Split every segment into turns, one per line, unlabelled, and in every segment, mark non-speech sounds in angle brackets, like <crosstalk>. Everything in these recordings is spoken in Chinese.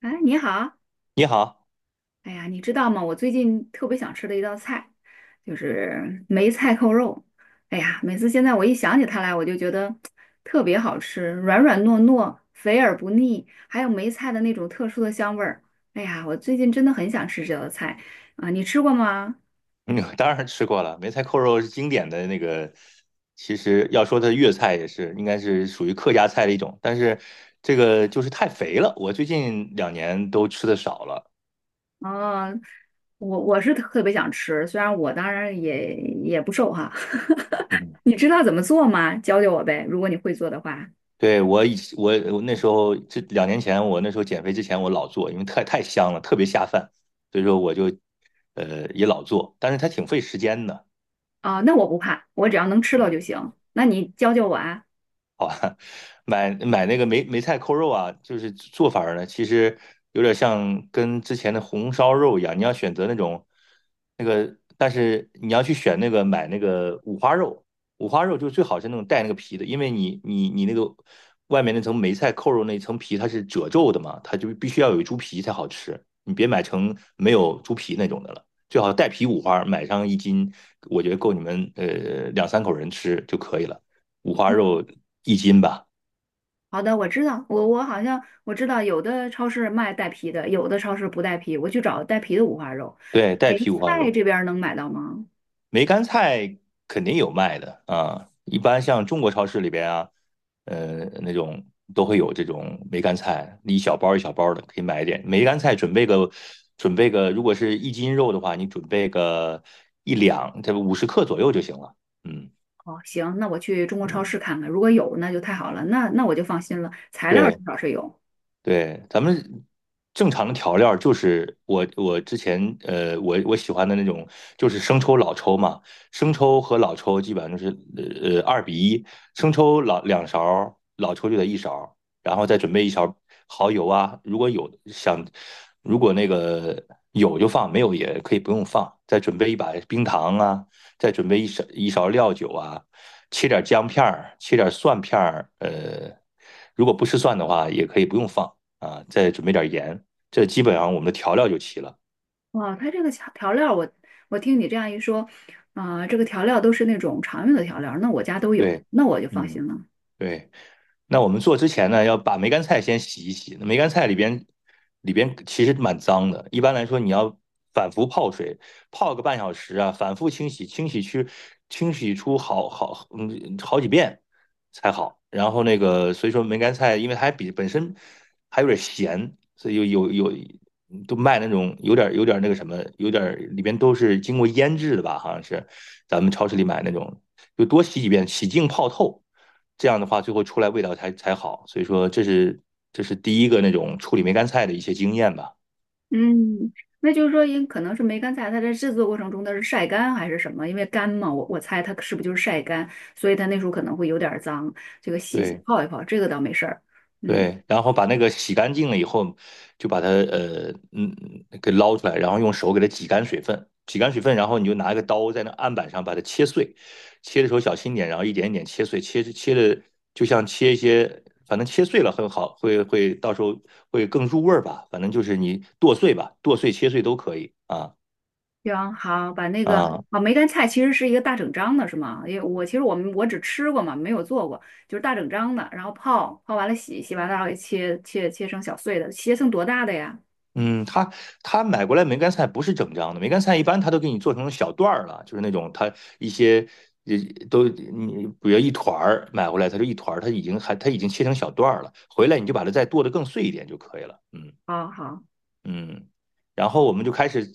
哎，你好。
你好，
哎呀，你知道吗？我最近特别想吃的一道菜，就是梅菜扣肉。哎呀，每次现在我一想起它来，我就觉得特别好吃，软软糯糯，肥而不腻，还有梅菜的那种特殊的香味儿。哎呀，我最近真的很想吃这道菜啊，你吃过吗？
嗯，当然吃过了，梅菜扣肉是经典的那个。其实要说它粤菜也是，应该是属于客家菜的一种，但是这个就是太肥了，我最近两年都吃的少了。
哦，我是特别想吃，虽然我当然也不瘦哈。
嗯，
<laughs> 你知道怎么做吗？教教我呗，如果你会做的话。
对，我以我我那时候这两年前，我那时候减肥之前我老做，因为太香了，特别下饭，所以说我就也老做，但是它挺费时间的。
啊，那我不怕，我只要能吃到
嗯。
就行。那你教教我啊。
买那个梅菜扣肉啊，就是做法儿呢，其实有点像跟之前的红烧肉一样，你要选择那种那个，但是你要去选那个买那个五花肉，五花肉就最好是那种带那个皮的，因为你那个外面那层梅菜扣肉那层皮它是褶皱的嘛，它就必须要有猪皮才好吃，你别买成没有猪皮那种的了。最好带皮五花，买上一斤，我觉得够你们两三口人吃就可以了。五花肉一斤吧，
好的，我知道，我好像我知道有的超市卖带皮的，有的超市不带皮，我去找带皮的五花肉。
对，带
梅
皮五花
菜
肉，
这边儿能买到吗？
梅干菜肯定有卖的啊。一般像中国超市里边啊，那种都会有这种梅干菜，一小包一小包的，可以买一点。梅干菜准备个，准备个，如果是一斤肉的话，你准备个1两，这50克左右就行了。嗯
哦，行，那我去中国超
嗯，
市看看，如果有那就太好了，那我就放心了。材料至
对，
少是有。
对，咱们正常的调料儿就是我之前我喜欢的那种就是生抽老抽嘛，生抽和老抽基本上就是2比1，生抽老2勺儿，老抽就得1勺儿，然后再准备一勺蚝油啊，如果那个有就放，没有也可以不用放，再准备一把冰糖啊，再准备一勺料酒啊，切点姜片儿，切点蒜片儿，如果不吃蒜的话也可以不用放。啊，再准备点盐，这基本上我们的调料就齐了。
哇，它这个调料我，我听你这样一说，啊、这个调料都是那种常用的调料，那我家都有，
对，
那我就放
嗯，
心了。
对。那我们做之前呢，要把梅干菜先洗一洗。那梅干菜里边其实蛮脏的，一般来说你要反复泡水，泡个0.5小时啊，反复清洗，清洗去清洗出好几遍才好。然后那个所以说梅干菜，因为它比本身还有点咸，所以有有有都卖那种有点那个什么，有点里边都是经过腌制的吧，好像是咱们超市里买那种，就多洗几遍，洗净泡透。这样的话，最后出来味道才好。所以说，这是第一个那种处理梅干菜的一些经验吧。
嗯，那就是说，可能是梅干菜，它在制作过程中它是晒干还是什么？因为干嘛，我猜它是不是就是晒干，所以它那时候可能会有点儿脏，这个洗洗
对
泡一泡，这个倒没事儿。嗯，
对，然后把那个洗干净了以后，就把它给捞出来，然后用手给它挤干水分，挤干水分，然后你就拿一个刀在那案板上把它切碎，切的时候小心点，然后一点一点切碎，切的就像切一些。反正切碎了很好，到时候会更入味儿吧。反正就是你剁碎吧，剁碎切碎都可以啊
行，好，把那个
啊。
啊梅干菜其实是一个大整张的，是吗？因为我其实我们我只吃过嘛，没有做过，就是大整张的，然后泡完了洗，洗完了然后给切成小碎的，切成多大的呀？
嗯，他买过来梅干菜不是整张的，梅干菜一般他都给你做成小段儿了，就是那种他一些呃都你比如一团儿买回来，他就一团儿，他已经切成小段儿了，回来你就把它再剁得更碎一点就可以了。嗯。
好好。
嗯，然后我们就开始，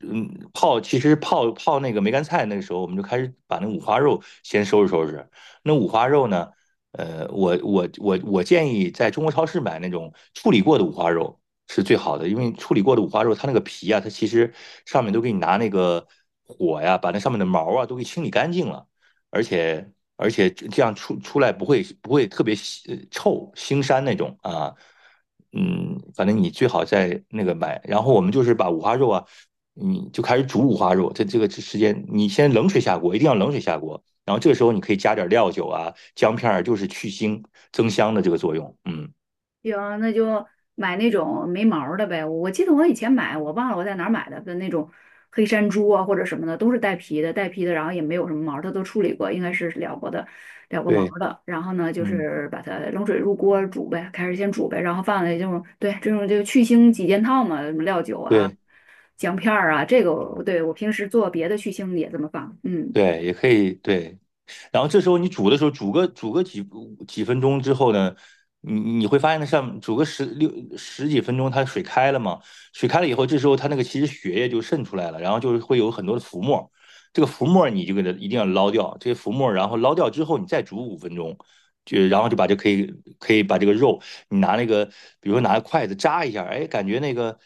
其实泡那个梅干菜，那个时候我们就开始把那五花肉先收拾收拾。那五花肉呢，我建议在中国超市买那种处理过的五花肉是最好的，因为处理过的五花肉它那个皮啊，它其实上面都给你拿那个火呀，把那上面的毛啊都给清理干净了，而且这样出来不会特别腥臭腥膻那种啊。嗯，反正你最好在那个买。然后我们就是把五花肉啊，你就开始煮五花肉。这个时间，你先冷水下锅，一定要冷水下锅。然后这个时候你可以加点料酒啊、姜片儿，就是去腥增香的这个作用。嗯，
行，那就买那种没毛儿的呗。我记得我以前买，我忘了我在哪儿买的那种黑山猪啊或者什么的，都是带皮的，带皮的，然后也没有什么毛儿，它都处理过，应该是燎过的，燎过毛
对，
儿的。然后呢，就
嗯，
是把它冷水入锅煮呗，开始先煮呗，然后放在这种对这种就去腥几件套嘛，什么料酒啊、
对
姜片儿啊，这个我对我平时做别的去腥也这么放，嗯。
对，也可以对。然后这时候你煮的时候，煮个几分钟之后呢，你会发现它上煮个十几分钟，它水开了嘛，水开了以后，这时候它那个其实血液就渗出来了，然后就是会有很多的浮沫，这个浮沫你就给它一定要捞掉，这些浮沫，然后捞掉之后，你再煮5分钟。然后就把这可以可以把这个肉，你拿那个，比如说拿筷子扎一下，哎，感觉那个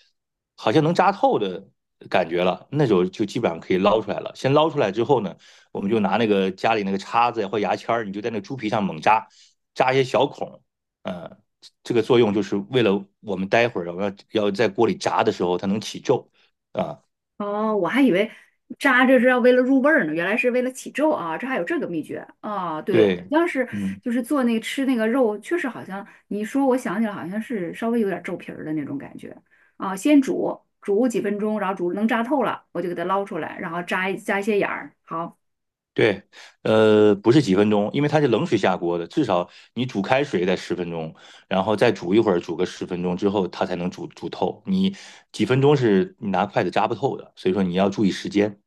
好像能扎透的感觉了，那时候就基本上可以捞出来了。先捞出来之后呢，我们就拿那个家里那个叉子呀或牙签儿，你就在那个猪皮上猛扎，扎一些小孔，呃，这个作用就是为了我们待会儿要在锅里炸的时候它能起皱啊。
哦，我还以为扎着是要为了入味儿呢，原来是为了起皱啊，这还有这个秘诀啊。对，
对，
要是
嗯，
就是做那个吃那个肉，确实好像你一说，我想起来好像是稍微有点皱皮儿的那种感觉啊。先煮煮几分钟，然后煮能扎透了，我就给它捞出来，然后扎一扎一些眼儿。好，
对，不是几分钟，因为它是冷水下锅的，至少你煮开水得十分钟，然后再煮一会儿，煮个十分钟之后它才能煮透。你几分钟是你拿筷子扎不透的，所以说你要注意时间。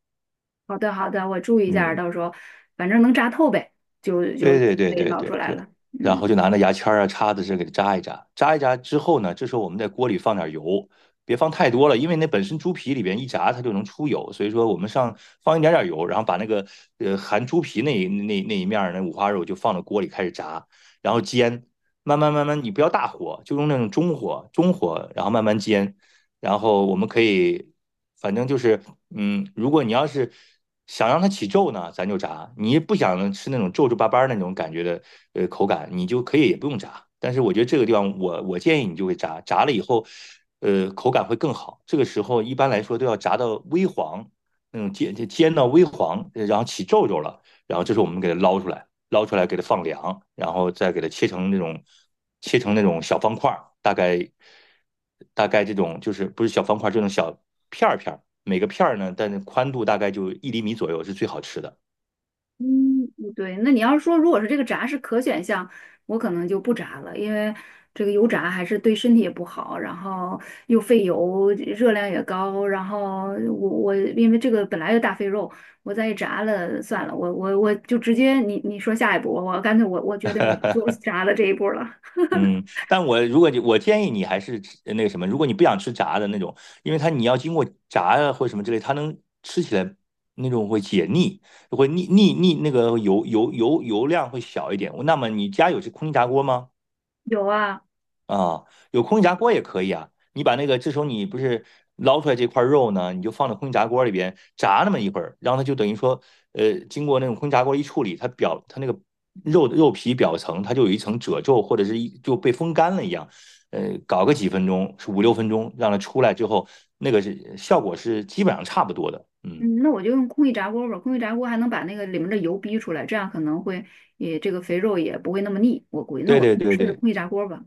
好的好的，我注意一下儿
嗯。
到时候反正能扎透呗，就
对对对
可以
对
捞
对
出来
对，
了。
然
嗯。
后就拿那牙签儿啊、叉子这给它扎一扎，扎一扎之后呢，这时候我们在锅里放点油，别放太多了，因为那本身猪皮里边一炸它就能出油，所以说我们放一点点油，然后把那个含猪皮那一面儿那五花肉就放到锅里开始炸，然后煎，慢慢慢慢，你不要大火，就用那种中火，中火，然后慢慢煎，然后我们可以，反正就是，如果你要是想让它起皱呢，咱就炸；你不想吃那种皱皱巴巴那种感觉的，口感，你就可以也不用炸。但是我觉得这个地方我建议你就会炸，炸了以后，口感会更好。这个时候一般来说都要炸到微黄，那种煎到微黄，然后起皱了，然后这时候我们给它捞出来。捞出来给它放凉，然后再给它切成那种小方块儿，大概这种就是不是小方块儿，这种小片儿片儿，每个片儿呢，但是宽度大概就1厘米左右是最好吃的。
嗯，嗯对，那你要是说如果是这个炸是可选项，我可能就不炸了，因为这个油炸还是对身体也不好，然后又费油，热量也高，然后我因为这个本来就大肥肉，我再一炸了算了，我就直接你说下一步，我干脆我决定我不做 <laughs> 炸的这一步了。
嗯，但我如果你我建议你还是吃那个什么，如果你不想吃炸的那种，因为它你要经过炸呀或者什么之类，它能吃起来那种会解腻，会腻腻腻那个油量会小一点。那么你家有这空气炸锅吗？
有啊。
啊，有空气炸锅也可以啊。你把那个，这时候你不是捞出来这块肉呢，你就放到空气炸锅里边炸那么一会儿，然后它就等于说，经过那种空气炸锅一处理，它那个肉皮表层它就有一层褶皱，或者是就被风干了一样。搞个几分钟，是5、6分钟，让它出来之后，效果是基本上差不多的。嗯，
嗯，那我就用空气炸锅吧，空气炸锅还能把那个里面的油逼出来，这样可能会也这个肥肉也不会那么腻，我估计那
对
我
对对
试试
对。
空气炸锅吧。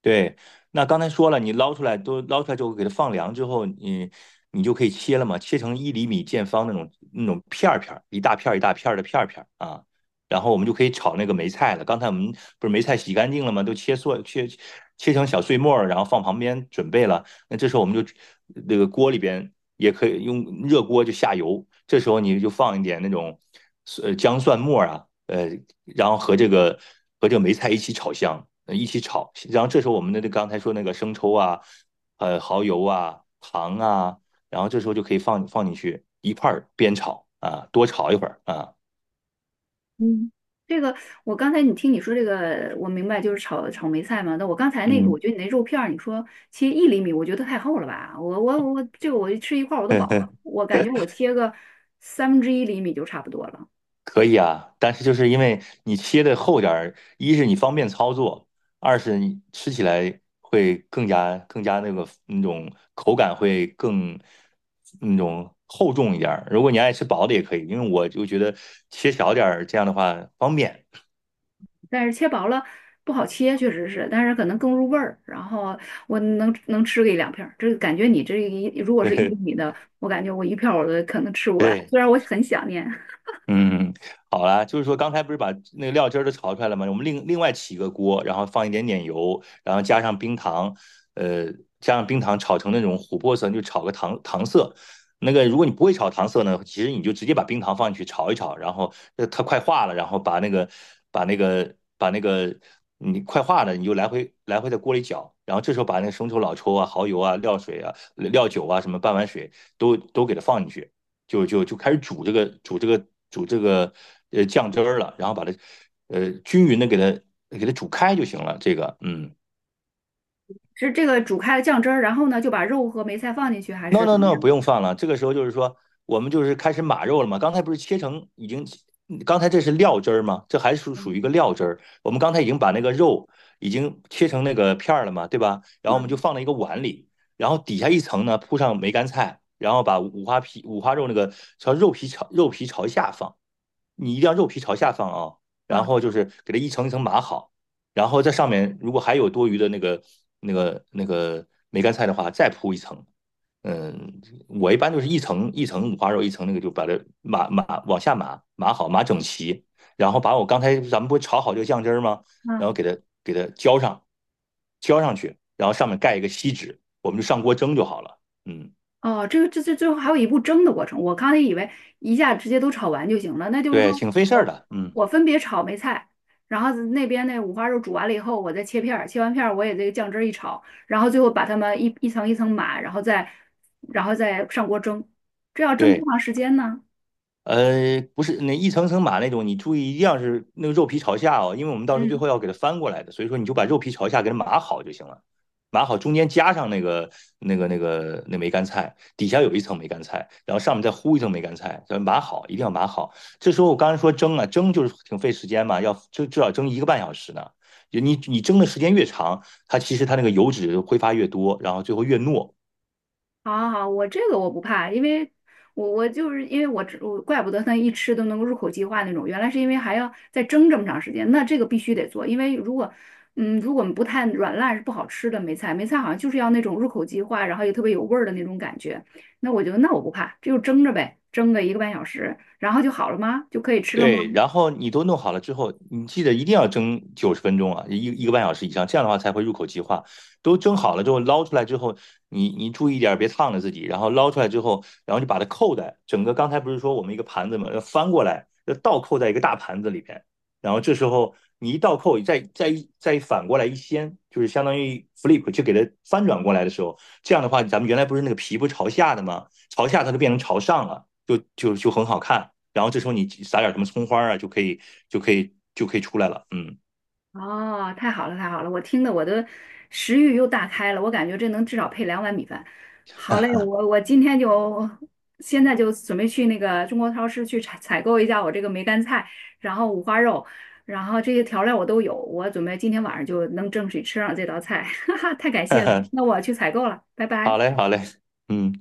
对，那刚才说了，你捞出来都捞出来之后，给它放凉之后，你就可以切了嘛，切成1厘米见方那种片儿片儿，一大片儿一大片儿的片儿片儿啊。然后我们就可以炒那个梅菜了。刚才我们不是梅菜洗干净了吗？都切碎，切成小碎末儿，然后放旁边准备了。那这时候我们就那个锅里边也可以用热锅就下油，这时候你就放一点那种姜蒜末啊，然后和这个梅菜一起炒香，一起炒。然后这时候我们的刚才说那个生抽啊，蚝油啊，糖啊，然后这时候就可以放进去一块儿煸炒啊，多炒一会儿啊。
嗯，这个我刚才你听你说这个，我明白就是炒炒梅菜嘛。那我刚才那个，我
嗯，
觉得你那肉片儿，你说切一厘米，我觉得太厚了吧？我，这个我吃一块儿我都饱了。
<laughs>
我感觉我切个三分之一厘米就差不多了，
可以啊，但是就是因为你切的厚点儿，一是你方便操作，二是你吃起来会更加那个那种口感会更那种厚重一点儿。如果你爱吃薄的也可以，因为我就觉得切小点儿这样的话方便。
但是切薄了不好切，确实是，但是可能更入味儿。然后我能吃个一两片儿，这个感觉你这一如果是一厘
<laughs>
米的，我感觉我一片儿我都可能吃不完。
对，
虽然我很想念，<laughs>
嗯，好啦，就是说刚才不是把那个料汁儿都炒出来了吗？我们另外起一个锅，然后放一点点油，然后加上冰糖，呃，炒成那种琥珀色，就炒个糖色。那个如果你不会炒糖色呢，其实你就直接把冰糖放进去炒一炒，然后它快化了，然后把那个把那个把那个你快化了，你就来回来回在锅里搅，然后这时候把那个生抽、老抽啊、蚝油啊、料水啊、料酒啊什么半碗水都给它放进去。就开始煮这个酱汁儿了，然后把它均匀的给它煮开就行了。这个嗯
是这个煮开了酱汁儿，然后呢就把肉和梅菜放进去，还
，no
是怎
no
么
no，
样？
不用放了。这个时候就是说我们就是开始码肉了嘛。刚才不是切成已经，刚才这是料汁儿吗？这还属
嗯
属于一个料汁儿。我们刚才已经把那个肉已经切成那个片儿了嘛，对吧？然后我们就
嗯
放到一个碗里，然后底下一层呢铺上梅干菜。然后把五花皮、五花肉那个朝肉皮朝下放，你一定要肉皮朝下放啊，然
嗯
后就是给它一层一层码好，然后在上面如果还有多余的那个梅干菜的话，再铺一层。嗯，我一般就是一层一层五花肉，一层那个就把它码往下码好，码整齐，然后把我刚才咱们不是炒好这个酱汁吗？然
嗯。
后给它浇上去，然后上面盖一个锡纸，我们就上锅蒸就好了。嗯，
哦，这个这最后还有一步蒸的过程，我刚才以为一下直接都炒完就行了，那就是
对，
说
挺费事儿
我
的。嗯，
我分别炒梅菜，然后那边那五花肉煮完了以后，我再切片儿，切完片儿我也这个酱汁儿一炒，然后最后把它们一层一层码，然后再上锅蒸，这要蒸多
对。
长时间呢？
不是那一层层码那种，你注意一定要是那个肉皮朝下哦，因为我们到时候最
嗯。
后要给它翻过来的，所以说你就把肉皮朝下给它码好就行了，码好中间加上那梅干菜，底下有一层梅干菜，然后上面再糊一层梅干菜，叫码好，一定要码好。这时候我刚才说蒸啊，蒸就是挺费时间嘛，要至少蒸一个半小时呢。就你蒸的时间越长，它其实它那个油脂挥发越多，然后最后越糯，
好好好，我这个我不怕，因为我就是因为我吃我怪不得他一吃都能够入口即化那种，原来是因为还要再蒸这么长时间，那这个必须得做，因为如果不太软烂是不好吃的梅菜，梅菜好像就是要那种入口即化，然后又特别有味儿的那种感觉，那我觉得那我不怕，这就蒸着呗，蒸个一个半小时，然后就好了吗？就可以吃了吗？
对，然后你都弄好了之后，你记得一定要蒸90分钟啊，一个半小时以上，这样的话才会入口即化。都蒸好了之后，捞出来之后，你注意一点别烫着自己。然后捞出来之后，然后就把它扣在整个刚才不是说我们一个盘子嘛，要翻过来，要倒扣在一个大盘子里边。然后这时候你一倒扣，再一反过来一掀，就是相当于 flip，就给它翻转过来的时候，这样的话，咱们原来不是那个皮不是朝下的吗？朝下它就变成朝上了。就很好看。然后这时候你撒点什么葱花啊，就可以出来了。嗯，
哦，太好了，太好了！我听的我的食欲又大开了，我感觉这能至少配两碗米饭。好嘞，我今天就现在就准备去那个中国超市去采购一下我这个梅干菜，然后五花肉，然后这些调料我都有，我准备今天晚上就能正式吃上这道菜。<laughs> 哈哈，太感谢了，
<laughs>
那我去采购了，拜
好
拜。
嘞，好嘞，嗯。